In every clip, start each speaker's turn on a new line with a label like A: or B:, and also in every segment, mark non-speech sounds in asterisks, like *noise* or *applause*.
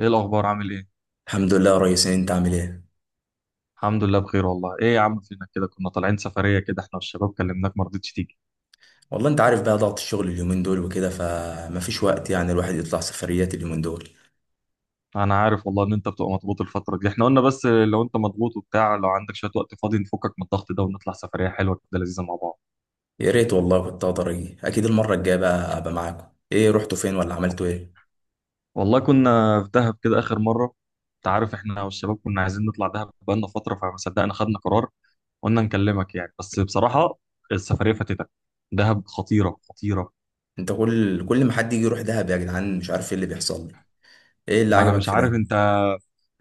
A: ايه الاخبار؟ عامل ايه؟
B: الحمد لله يا ريس إيه، انت عامل ايه.
A: الحمد لله بخير والله. ايه يا عم، فينك كده؟ كنا طالعين سفريه كده احنا والشباب، كلمناك ما رضيتش تيجي.
B: والله انت عارف بقى ضغط الشغل اليومين دول وكده فمفيش وقت يعني الواحد يطلع سفريات اليومين دول.
A: انا عارف والله ان انت بتبقى مضغوط الفتره دي، احنا قلنا بس لو انت مضغوط وبتاع، لو عندك شويه وقت فاضي نفكك من الضغط ده ونطلع سفريه حلوه كده لذيذه مع بعض.
B: يا ريت والله كنت اقدر اجي، اكيد المره الجايه بقى ابقى معاكم. ايه رحتوا فين ولا عملتوا ايه؟
A: والله كنا في دهب كده اخر مره. انت عارف احنا والشباب كنا عايزين نطلع دهب بقالنا فتره، فما صدقنا خدنا قرار. قلنا نكلمك بس بصراحه السفريه فاتتك. دهب خطيره خطيره.
B: انت كل ما حد يجي يروح دهب يا جدعان مش عارف ايه اللي بيحصل لي. ايه اللي
A: ما انا
B: عجبك
A: مش
B: في
A: عارف
B: ده؟
A: انت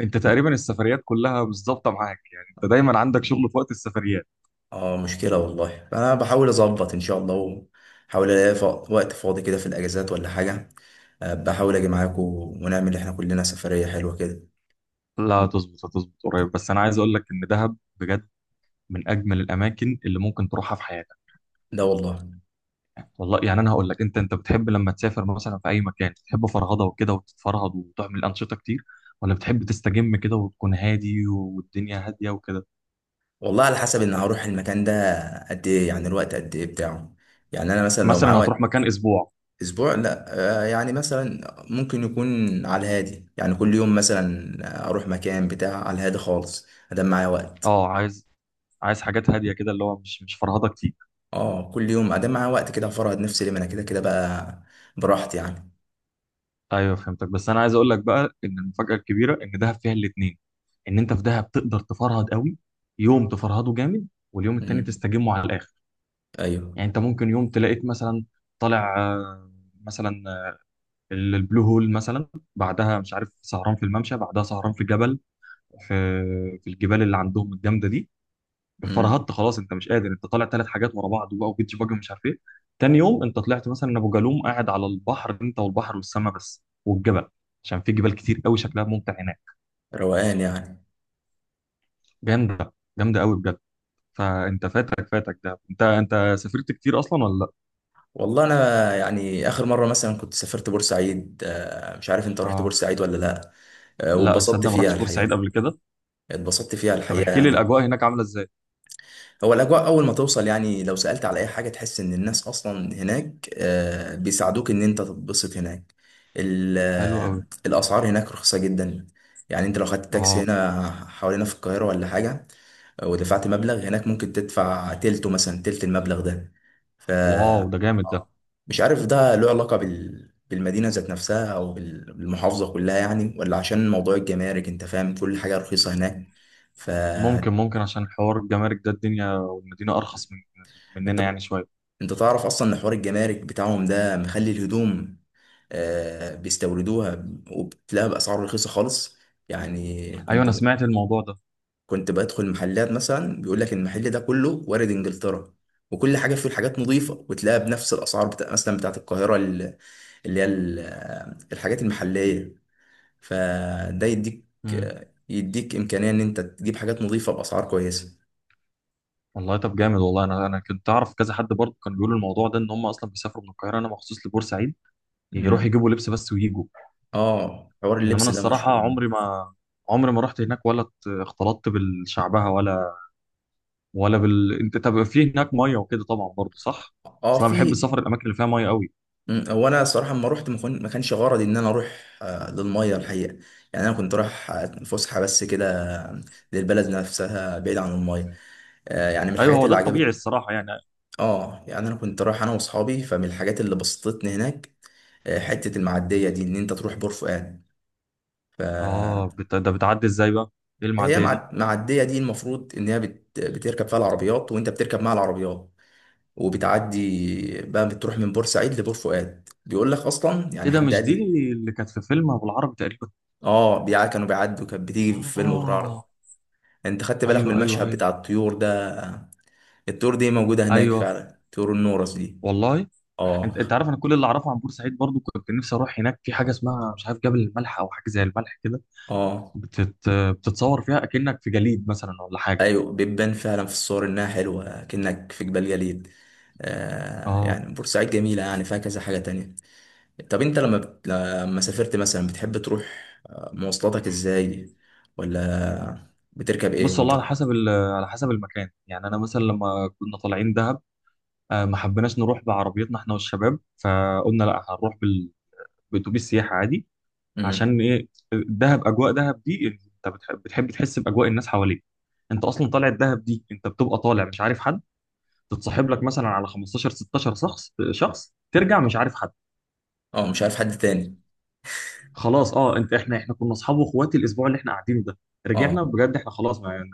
A: انت تقريبا السفريات كلها مش ظابطه معاك، يعني انت دايما عندك شغل في وقت السفريات.
B: اه مشكله والله، انا بحاول اظبط ان شاء الله. وحاول الاقي ف- وقت فاضي كده في الاجازات ولا حاجه. اه، بحاول اجي معاكم ونعمل احنا كلنا سفريه حلوه كده.
A: لا هتظبط هتظبط قريب. بس انا عايز اقول لك ان دهب بجد من اجمل الاماكن اللي ممكن تروحها في حياتك.
B: ده والله.
A: والله انا هقول لك، انت بتحب لما تسافر مثلا في اي مكان بتحب فرهضه وكده وتتفرهد وتعمل انشطه كتير، ولا بتحب تستجم كده وتكون هادي والدنيا هاديه وكده؟
B: والله على حسب ان هروح المكان ده قد ايه، يعني الوقت قد ايه بتاعه. يعني انا مثلا لو معايا
A: مثلا هتروح
B: وقت
A: مكان اسبوع.
B: اسبوع، لا. آه، يعني مثلا ممكن يكون على الهادي، يعني كل يوم مثلا اروح مكان بتاع على الهادي خالص ادام معايا وقت.
A: اه، عايز عايز حاجات هاديه كده، اللي هو مش فرهضه كتير.
B: اه كل يوم ادام معايا وقت كده هفرهد نفسي ليه، ما انا كده كده بقى، براحتي يعني.
A: ايوه فهمتك. بس انا عايز اقول لك بقى ان المفاجاه الكبيره ان دهب فيها الاثنين. ان انت في دهب تقدر تفرهد قوي، يوم تفرهده جامد واليوم التاني
B: امم
A: تستجمه على الاخر.
B: ايوه.
A: يعني انت ممكن يوم تلاقيك مثلا طالع مثلا البلو هول مثلا، بعدها مش عارف سهران في الممشى، بعدها سهران في جبل، في في الجبال اللي عندهم الجامده دي.
B: امم
A: فرهدت خلاص انت مش قادر، انت طالع ثلاث حاجات ورا بعض بقى وبيتش باجي ومش عارف ايه. تاني يوم انت طلعت مثلا ابو جالوم، قاعد على البحر انت والبحر والسماء بس والجبل، عشان في جبال كتير قوي شكلها ممتع هناك.
B: روقان يعني.
A: جامده جامده قوي بجد. فانت فاتك فاتك ده. انت سافرت كتير اصلا ولا لا؟
B: والله انا يعني اخر مره مثلا كنت سافرت بورسعيد، آه، مش عارف انت رحت
A: اه،
B: بورسعيد ولا لا. آه،
A: لا
B: واتبسطت
A: تصدق، ما
B: فيها
A: رحتش بورسعيد
B: الحقيقه.
A: قبل كده.
B: اتبسطت فيها
A: طب
B: الحقيقة
A: احكي لي
B: يعني.
A: الاجواء هناك عامله ازاي؟
B: هو الأجواء أول ما توصل، يعني لو سألت على أي حاجة تحس إن الناس أصلا هناك آه، بيساعدوك إن أنت تتبسط هناك.
A: حلو قوي.
B: الأسعار هناك رخيصة جدا. يعني أنت لو خدت تاكسي
A: اه.
B: هنا حوالينا في القاهرة ولا حاجة، آه، ودفعت مبلغ، هناك ممكن تدفع تلته مثلا، تلت المبلغ ده. ف
A: واو
B: آه،
A: ده جامد ده.
B: مش عارف ده له علاقة بال بالمدينة ذات نفسها أو بالمحافظة كلها يعني، ولا عشان موضوع الجمارك. أنت فاهم كل حاجة رخيصة هناك. ف
A: ممكن عشان حوار الجمارك ده، الدنيا والمدينه ارخص من مننا يعني شويه.
B: انت تعرف اصلا ان حوار الجمارك بتاعهم ده مخلي الهدوم آه بيستوردوها، وبتلاقيها باسعار رخيصه خالص. يعني
A: ايوه،
B: كنت
A: انا
B: ب...
A: سمعت الموضوع ده.
B: كنت بدخل محلات مثلا بيقول لك المحل ده كله وارد انجلترا، وكل حاجه فيه الحاجات نظيفه وتلاقيها بنفس الاسعار بتاع مثلا بتاعت القاهره اللي هي الحاجات المحليه. فده يديك
A: مم.
B: آه، يديك امكانيه ان انت تجيب حاجات نظيفه باسعار كويسه.
A: والله طب جامد. والله انا كنت اعرف كذا حد برضه كان بيقول الموضوع ده، ان هم اصلا بيسافروا من القاهره انا مخصوص لبورسعيد يروحوا
B: مم.
A: يجيبوا لبس بس ويجوا.
B: اه حوار
A: انما
B: اللبس
A: انا
B: ده
A: الصراحه
B: مشهور.
A: عمري ما رحت هناك، ولا اختلطت بالشعبها، ولا ولا بال، انت طب في هناك ميه وكده طبعا برضه صح؟
B: اه
A: بس انا بحب
B: في.
A: السفر الاماكن اللي فيها ميه قوي.
B: مم، هو انا الصراحه لما رحت ما كانش غرضي ان انا اروح آه، للميه الحقيقه. يعني انا كنت رايح آه، فسحه بس كده، آه، للبلد نفسها بعيد عن الميه. آه، يعني من
A: ايوه
B: الحاجات
A: هو ده
B: اللي
A: الطبيعي
B: عجبتني،
A: الصراحه يعني.
B: اه، يعني انا كنت رايح انا واصحابي، فمن الحاجات اللي بسطتني هناك آه، حته المعديه دي ان انت تروح بور فؤاد.
A: اه
B: فهي
A: ده بتعدي ازاي بقى؟ ايه المعديه دي؟
B: معديه دي المفروض ان هي بتركب فيها العربيات، وانت بتركب مع العربيات وبتعدي بقى، بتروح من بورسعيد لبور فؤاد. بيقول لك اصلا، يعني
A: ايه ده،
B: حد
A: مش
B: قال
A: دي
B: لي
A: اللي كانت في فيلم ابو العربي تقريبا؟
B: اه بيع كانوا بيعدوا، كانت بتيجي في فيلم ابراهيم.
A: اه.
B: انت خدت بالك من
A: ايوه ايوه
B: المشهد
A: ايوه.
B: بتاع الطيور ده؟ الطيور دي موجوده هناك
A: ايوه
B: فعلا، طيور النورس دي.
A: والله. انت
B: اه.
A: انت عارف انا كل اللي اعرفه عن بورسعيد برضو، كنت نفسي اروح هناك في حاجه اسمها مش عارف جبل الملح، او حاجه زي الملح كده.
B: اه.
A: بتتصور فيها اكنك في جليد مثلا ولا حاجه.
B: ايوه بتبان فعلا في الصور انها حلوه كأنك في جبال جليد. آه
A: اه
B: يعني بورسعيد جميله، يعني فيها كذا حاجه تانية. طب انت لما سافرت مثلا بتحب تروح آه، مواصلاتك ازاي، ولا بتركب ايه
A: بص، والله
B: وانت
A: على
B: رايح؟
A: حسب على حسب المكان. يعني انا مثلا لما كنا طالعين دهب، ما حبيناش نروح بعربيتنا احنا والشباب، فقلنا لا، هنروح باتوبيس سياحه عادي.
B: مم.
A: عشان ايه؟ دهب، اجواء دهب دي، انت بتحب تحس باجواء الناس حواليك. انت اصلا طالع الدهب دي انت بتبقى طالع مش عارف حد، تتصاحب لك مثلا على 15 16 شخص، شخص، ترجع مش عارف حد.
B: اه مش عارف حد تاني.
A: خلاص اه، احنا كنا اصحاب واخواتي الاسبوع اللي احنا قاعدينه ده،
B: اه.
A: رجعنا بجد احنا خلاص، ما يعني.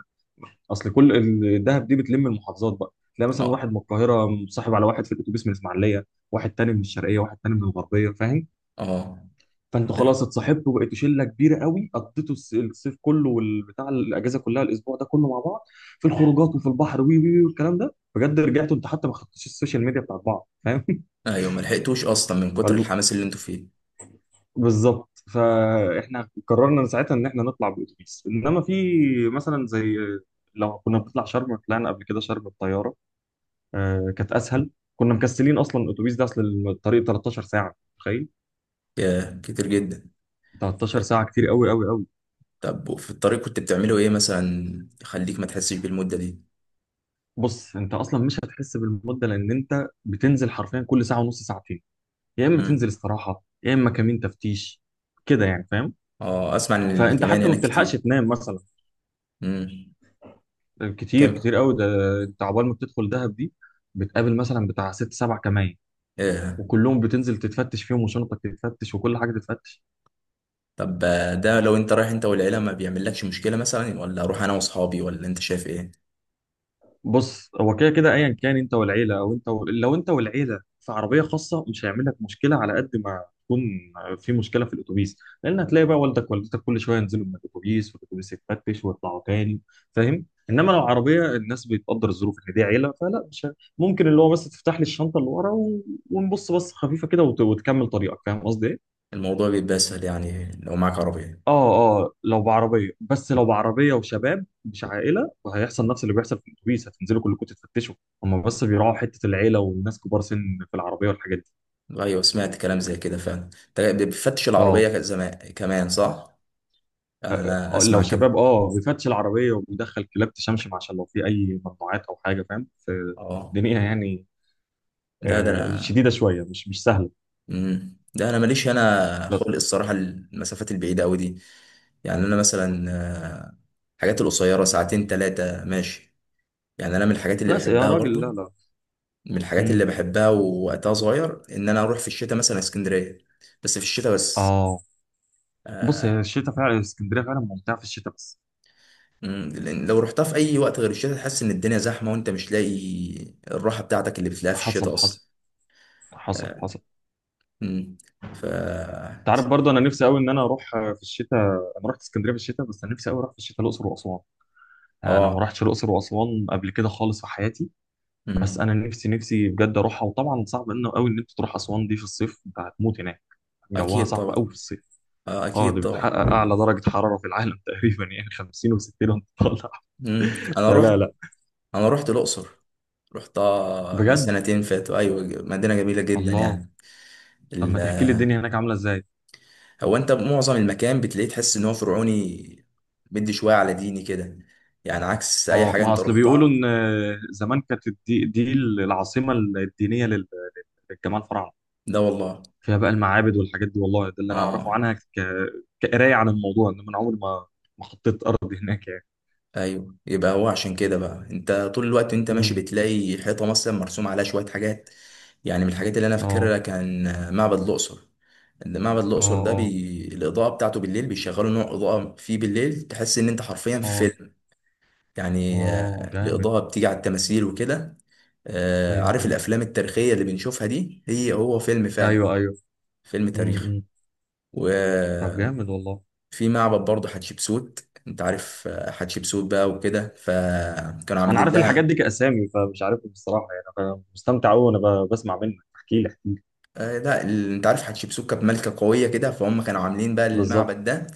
A: اصل كل الدهب دي بتلم المحافظات بقى، تلاقي مثلا واحد
B: اه.
A: من القاهره مصاحب على واحد في الاتوبيس من الاسماعيليه، واحد تاني من الشرقيه، واحد تاني من الغربيه، فاهم؟
B: اه
A: فانتوا خلاص اتصاحبتوا وبقيتوا شله كبيره قوي، قضيتوا الصيف كله والبتاع، الاجازه كلها الاسبوع ده كله مع بعض، في الخروجات وفي البحر وي وي وي والكلام ده. بجد رجعتوا انت حتى ما خدتوش السوشيال ميديا بتاعت بعض، فاهم؟
B: ايوه، ما لحقتوش اصلا من كتر
A: *laughs*
B: الحماس اللي انتوا فيه.
A: بالظبط. فاحنا قررنا من ساعتها ان احنا نطلع باتوبيس، انما في مثلا زي، لو كنا بنطلع شرم، طلعنا قبل كده شرم بالطياره، آه كانت اسهل. كنا مكسلين اصلا الاتوبيس ده، اصل الطريق 13 ساعه، تخيل.
B: يا كتير جدا.
A: 13 ساعه كتير قوي قوي قوي.
B: طب وفي الطريق كنت بتعملوا ايه مثلا يخليك ما تحسش بالمده دي؟
A: بص، انت اصلا مش هتحس بالمده، لان انت بتنزل حرفيا كل ساعه ونص ساعتين، يا اما تنزل
B: امم.
A: استراحه يا اما كمين تفتيش كده يعني، فاهم؟
B: اه اسمع ان
A: فانت
B: الكمان
A: حتى ما
B: هناك
A: بتلحقش
B: كتير.
A: تنام مثلا.
B: امم. كم؟
A: كتير كتير قوي ده. انت عقبال ما بتدخل دهب دي بتقابل مثلا بتاع ست سبع كمائن،
B: ايه.
A: وكلهم بتنزل تتفتش فيهم، وشنطك تتفتش، وكل حاجه تتفتش.
B: طب آه، ده لو انت رايح انت والعيله ما بيعملكش مشكله، مثلا ولا اروح انا واصحابي، ولا انت شايف ايه؟
A: بص هو كده كده ايا كان، انت والعيله او انت و، لو انت والعيله في عربيه خاصه مش هيعمل لك مشكله، على قد ما تكون في مشكله في الاتوبيس، لان هتلاقي بقى والدك والدتك كل شويه ينزلوا من الاتوبيس والاتوبيس يتفتش ويطلعوا تاني، فاهم؟ انما لو عربيه، الناس بتقدر الظروف ان دي عيله، فلا مش ممكن اللي هو بس تفتح لي الشنطه اللي ورا و، ونبص بص خفيفه كده وتكمل طريقك، فاهم قصدي ايه؟
B: الموضوع بيبقى اسهل يعني لو معاك عربيه.
A: اه اه، لو بعربيه بس، لو بعربيه وشباب مش عائله، وهيحصل نفس اللي بيحصل في الاتوبيس، هتنزلوا كلكم تتفتشوا. هم بس بيراعوا حته العيله والناس كبار سن في العربيه والحاجات دي.
B: ايوه سمعت كلام زي كده فعلا. انت بتفتش
A: اه،
B: العربيه زمان كمان صح، يعني انا اسمع
A: لو شباب
B: كده.
A: اه بيفتش العربيه وبيدخل كلاب تشمشم عشان لو في اي ممنوعات او حاجه، فاهم، في
B: اه.
A: الدنيا يعني.
B: لا ده
A: آه
B: انا،
A: شديده شويه، مش سهله.
B: ده انا ماليش انا خلق
A: بس
B: الصراحه المسافات البعيده قوي دي. يعني انا مثلا آه، الحاجات القصيره ساعتين ثلاثه ماشي. يعني انا من الحاجات اللي
A: لا يا
B: بحبها
A: راجل لا
B: برضو،
A: لا.
B: من الحاجات اللي
A: مم.
B: بحبها ووقتها صغير ان انا اروح في الشتاء مثلا اسكندريه، بس في الشتاء بس.
A: اه بص، هي
B: آه،
A: الشتاء فعلا اسكندريه فعلا ممتعه في الشتاء بس.
B: مم، لأن لو رحتها في اي وقت غير الشتاء تحس ان الدنيا زحمه وانت مش لاقي الراحه بتاعتك اللي بتلاقيها في
A: حصل
B: الشتاء اصلا.
A: حصل. حصل
B: آه،
A: حصل.
B: مم، ف
A: انت عارف برضه انا نفسي قوي ان انا اروح في الشتاء. انا رحت اسكندريه في الشتاء، بس انا نفسي قوي اروح في الشتاء الاقصر واسوان. انا ما
B: اه،
A: رحتش الاقصر واسوان قبل كده خالص في حياتي. بس
B: مم،
A: انا نفسي نفسي بجد اروحها. وطبعا صعب انه قوي ان انت تروح اسوان دي في الصيف، انت هتموت هناك، جوها
B: اكيد
A: صعب قوي في
B: طبعا.
A: الصيف.
B: آه،
A: اه
B: اكيد
A: دي بتحقق
B: طبعا.
A: اعلى درجه حراره في العالم *laughs* تقريبا، يعني 50 و60 وانت طالع.
B: مم.
A: *laughs* فلا لا.
B: انا رحت الاقصر. رحت آه، من
A: بجد؟
B: سنتين فاتوا ايوه، مدينه جميله جدا
A: الله.
B: يعني.
A: طب
B: ال-
A: ما تحكي لي الدنيا
B: آه،
A: هناك عامله ازاي.
B: هو انت معظم المكان بتلاقيه تحس ان هو فرعوني، بدي شويه على ديني كده، يعني عكس اي
A: اه،
B: حاجه
A: ما
B: انت
A: اصل بيقولوا
B: رحتها.
A: ان زمان كانت دي العاصمه الدينيه للجمال الفراعنه.
B: ده والله.
A: فيها بقى المعابد والحاجات دي. والله ده اللي انا
B: اه
A: اعرفه عنها كقرايه عن الموضوع، انما انا عمري ما ما حطيت ارض هناك يعني.
B: ايوه، يبقى هو عشان كده بقى انت طول الوقت انت ماشي
A: امم.
B: بتلاقي حيطه مثلا مرسوم عليها شويه حاجات. يعني من الحاجات اللي انا
A: اه
B: فاكرها كان آه، معبد الاقصر.
A: اه اه
B: الاضاءه بتاعته بالليل، بيشغلوا نوع اضاءه فيه بالليل تحس ان انت حرفيا في
A: اه.
B: فيلم. يعني
A: اه
B: آه،
A: جامد.
B: الاضاءه بتيجي على التماثيل وكده. آه،
A: ايوه
B: عارف
A: ايوه
B: الافلام التاريخيه اللي بنشوفها دي، هي هو فيلم فعلا،
A: ايوه ايوه.
B: فيلم تاريخي.
A: امم. طب
B: وفي
A: جامد والله.
B: معبد برضه حتشبسوت. انت عارف آه، حتشبسوت بقى وكده، فكانوا
A: انا
B: عاملين
A: عارف الحاجات دي
B: لها
A: كاسامي، فمش عارفهم بصراحه يعني. انا مستمتع قوي وانا بسمع منك، احكي لي احكي لي.
B: آه، لا انت عارف حتشبسوت كانت ملكه قويه كده، فهم كانوا عاملين بقى
A: بالظبط.
B: المعبد ده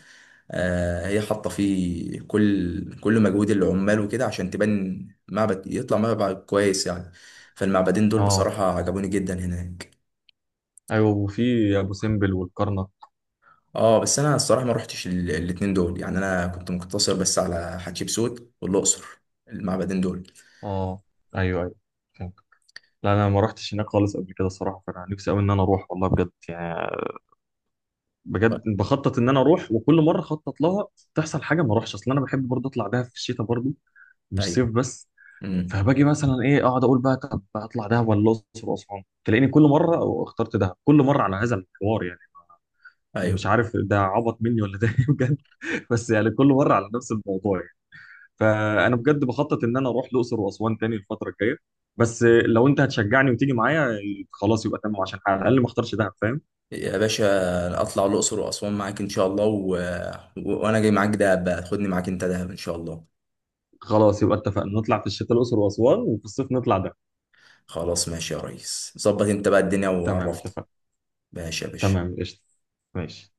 B: آه، هي حاطه فيه كل مجهود العمال وكده عشان تبان معبد، يطلع معبد كويس يعني. فالمعبدين دول
A: اه.
B: بصراحه عجبوني جدا هناك.
A: ايوه، وفي ابو سمبل والكرنك.
B: اه بس انا الصراحه ما روحتش الاتنين دول، يعني انا كنت مقتصر بس على حتشبسوت والاقصر، المعبدين دول.
A: اه. ايوه ايوه. فهمت. لا انا ما رحتش هناك خالص قبل كده الصراحه، فانا نفسي قوي ان انا اروح، والله بجد يعني. بجد بخطط ان انا اروح، وكل مره اخطط لها تحصل حاجه ما اروحش. اصل انا بحب برضه اطلع دهب في الشتاء برضه، مش
B: ايوه.
A: صيف بس.
B: امم.
A: فباجي مثلا ايه، اقعد اقول بقى طب اطلع دهب ولا الاقصر واسوان، تلاقيني كل مره اخترت دهب، كل مره على هذا الحوار يعني.
B: ايوه.
A: مش عارف ده عبط مني ولا ده إيه بجد. *laughs* بس يعني كل مره على نفس الموضوع يعني. فانا بجد بخطط ان انا اروح الاقصر واسوان تاني الفتره الجايه، بس لو انت هتشجعني وتيجي معايا، خلاص يبقى تمام، عشان على الاقل ما اختارش دهب، فاهم؟
B: يا باشا اطلع الاقصر واسوان معاك ان شاء الله وانا جاي معاك دهب بقى، خدني معاك انت دهب ان شاء الله.
A: خلاص يبقى اتفقنا، نطلع في الشتاء الاقصر واسوان، وفي الصيف نطلع دهب.
B: خلاص ماشي يا ريس، ظبط انت بقى الدنيا
A: تمام
B: وعرفني.
A: اتفق.
B: ماشي يا باشا.
A: تمام قشطة. ماشي.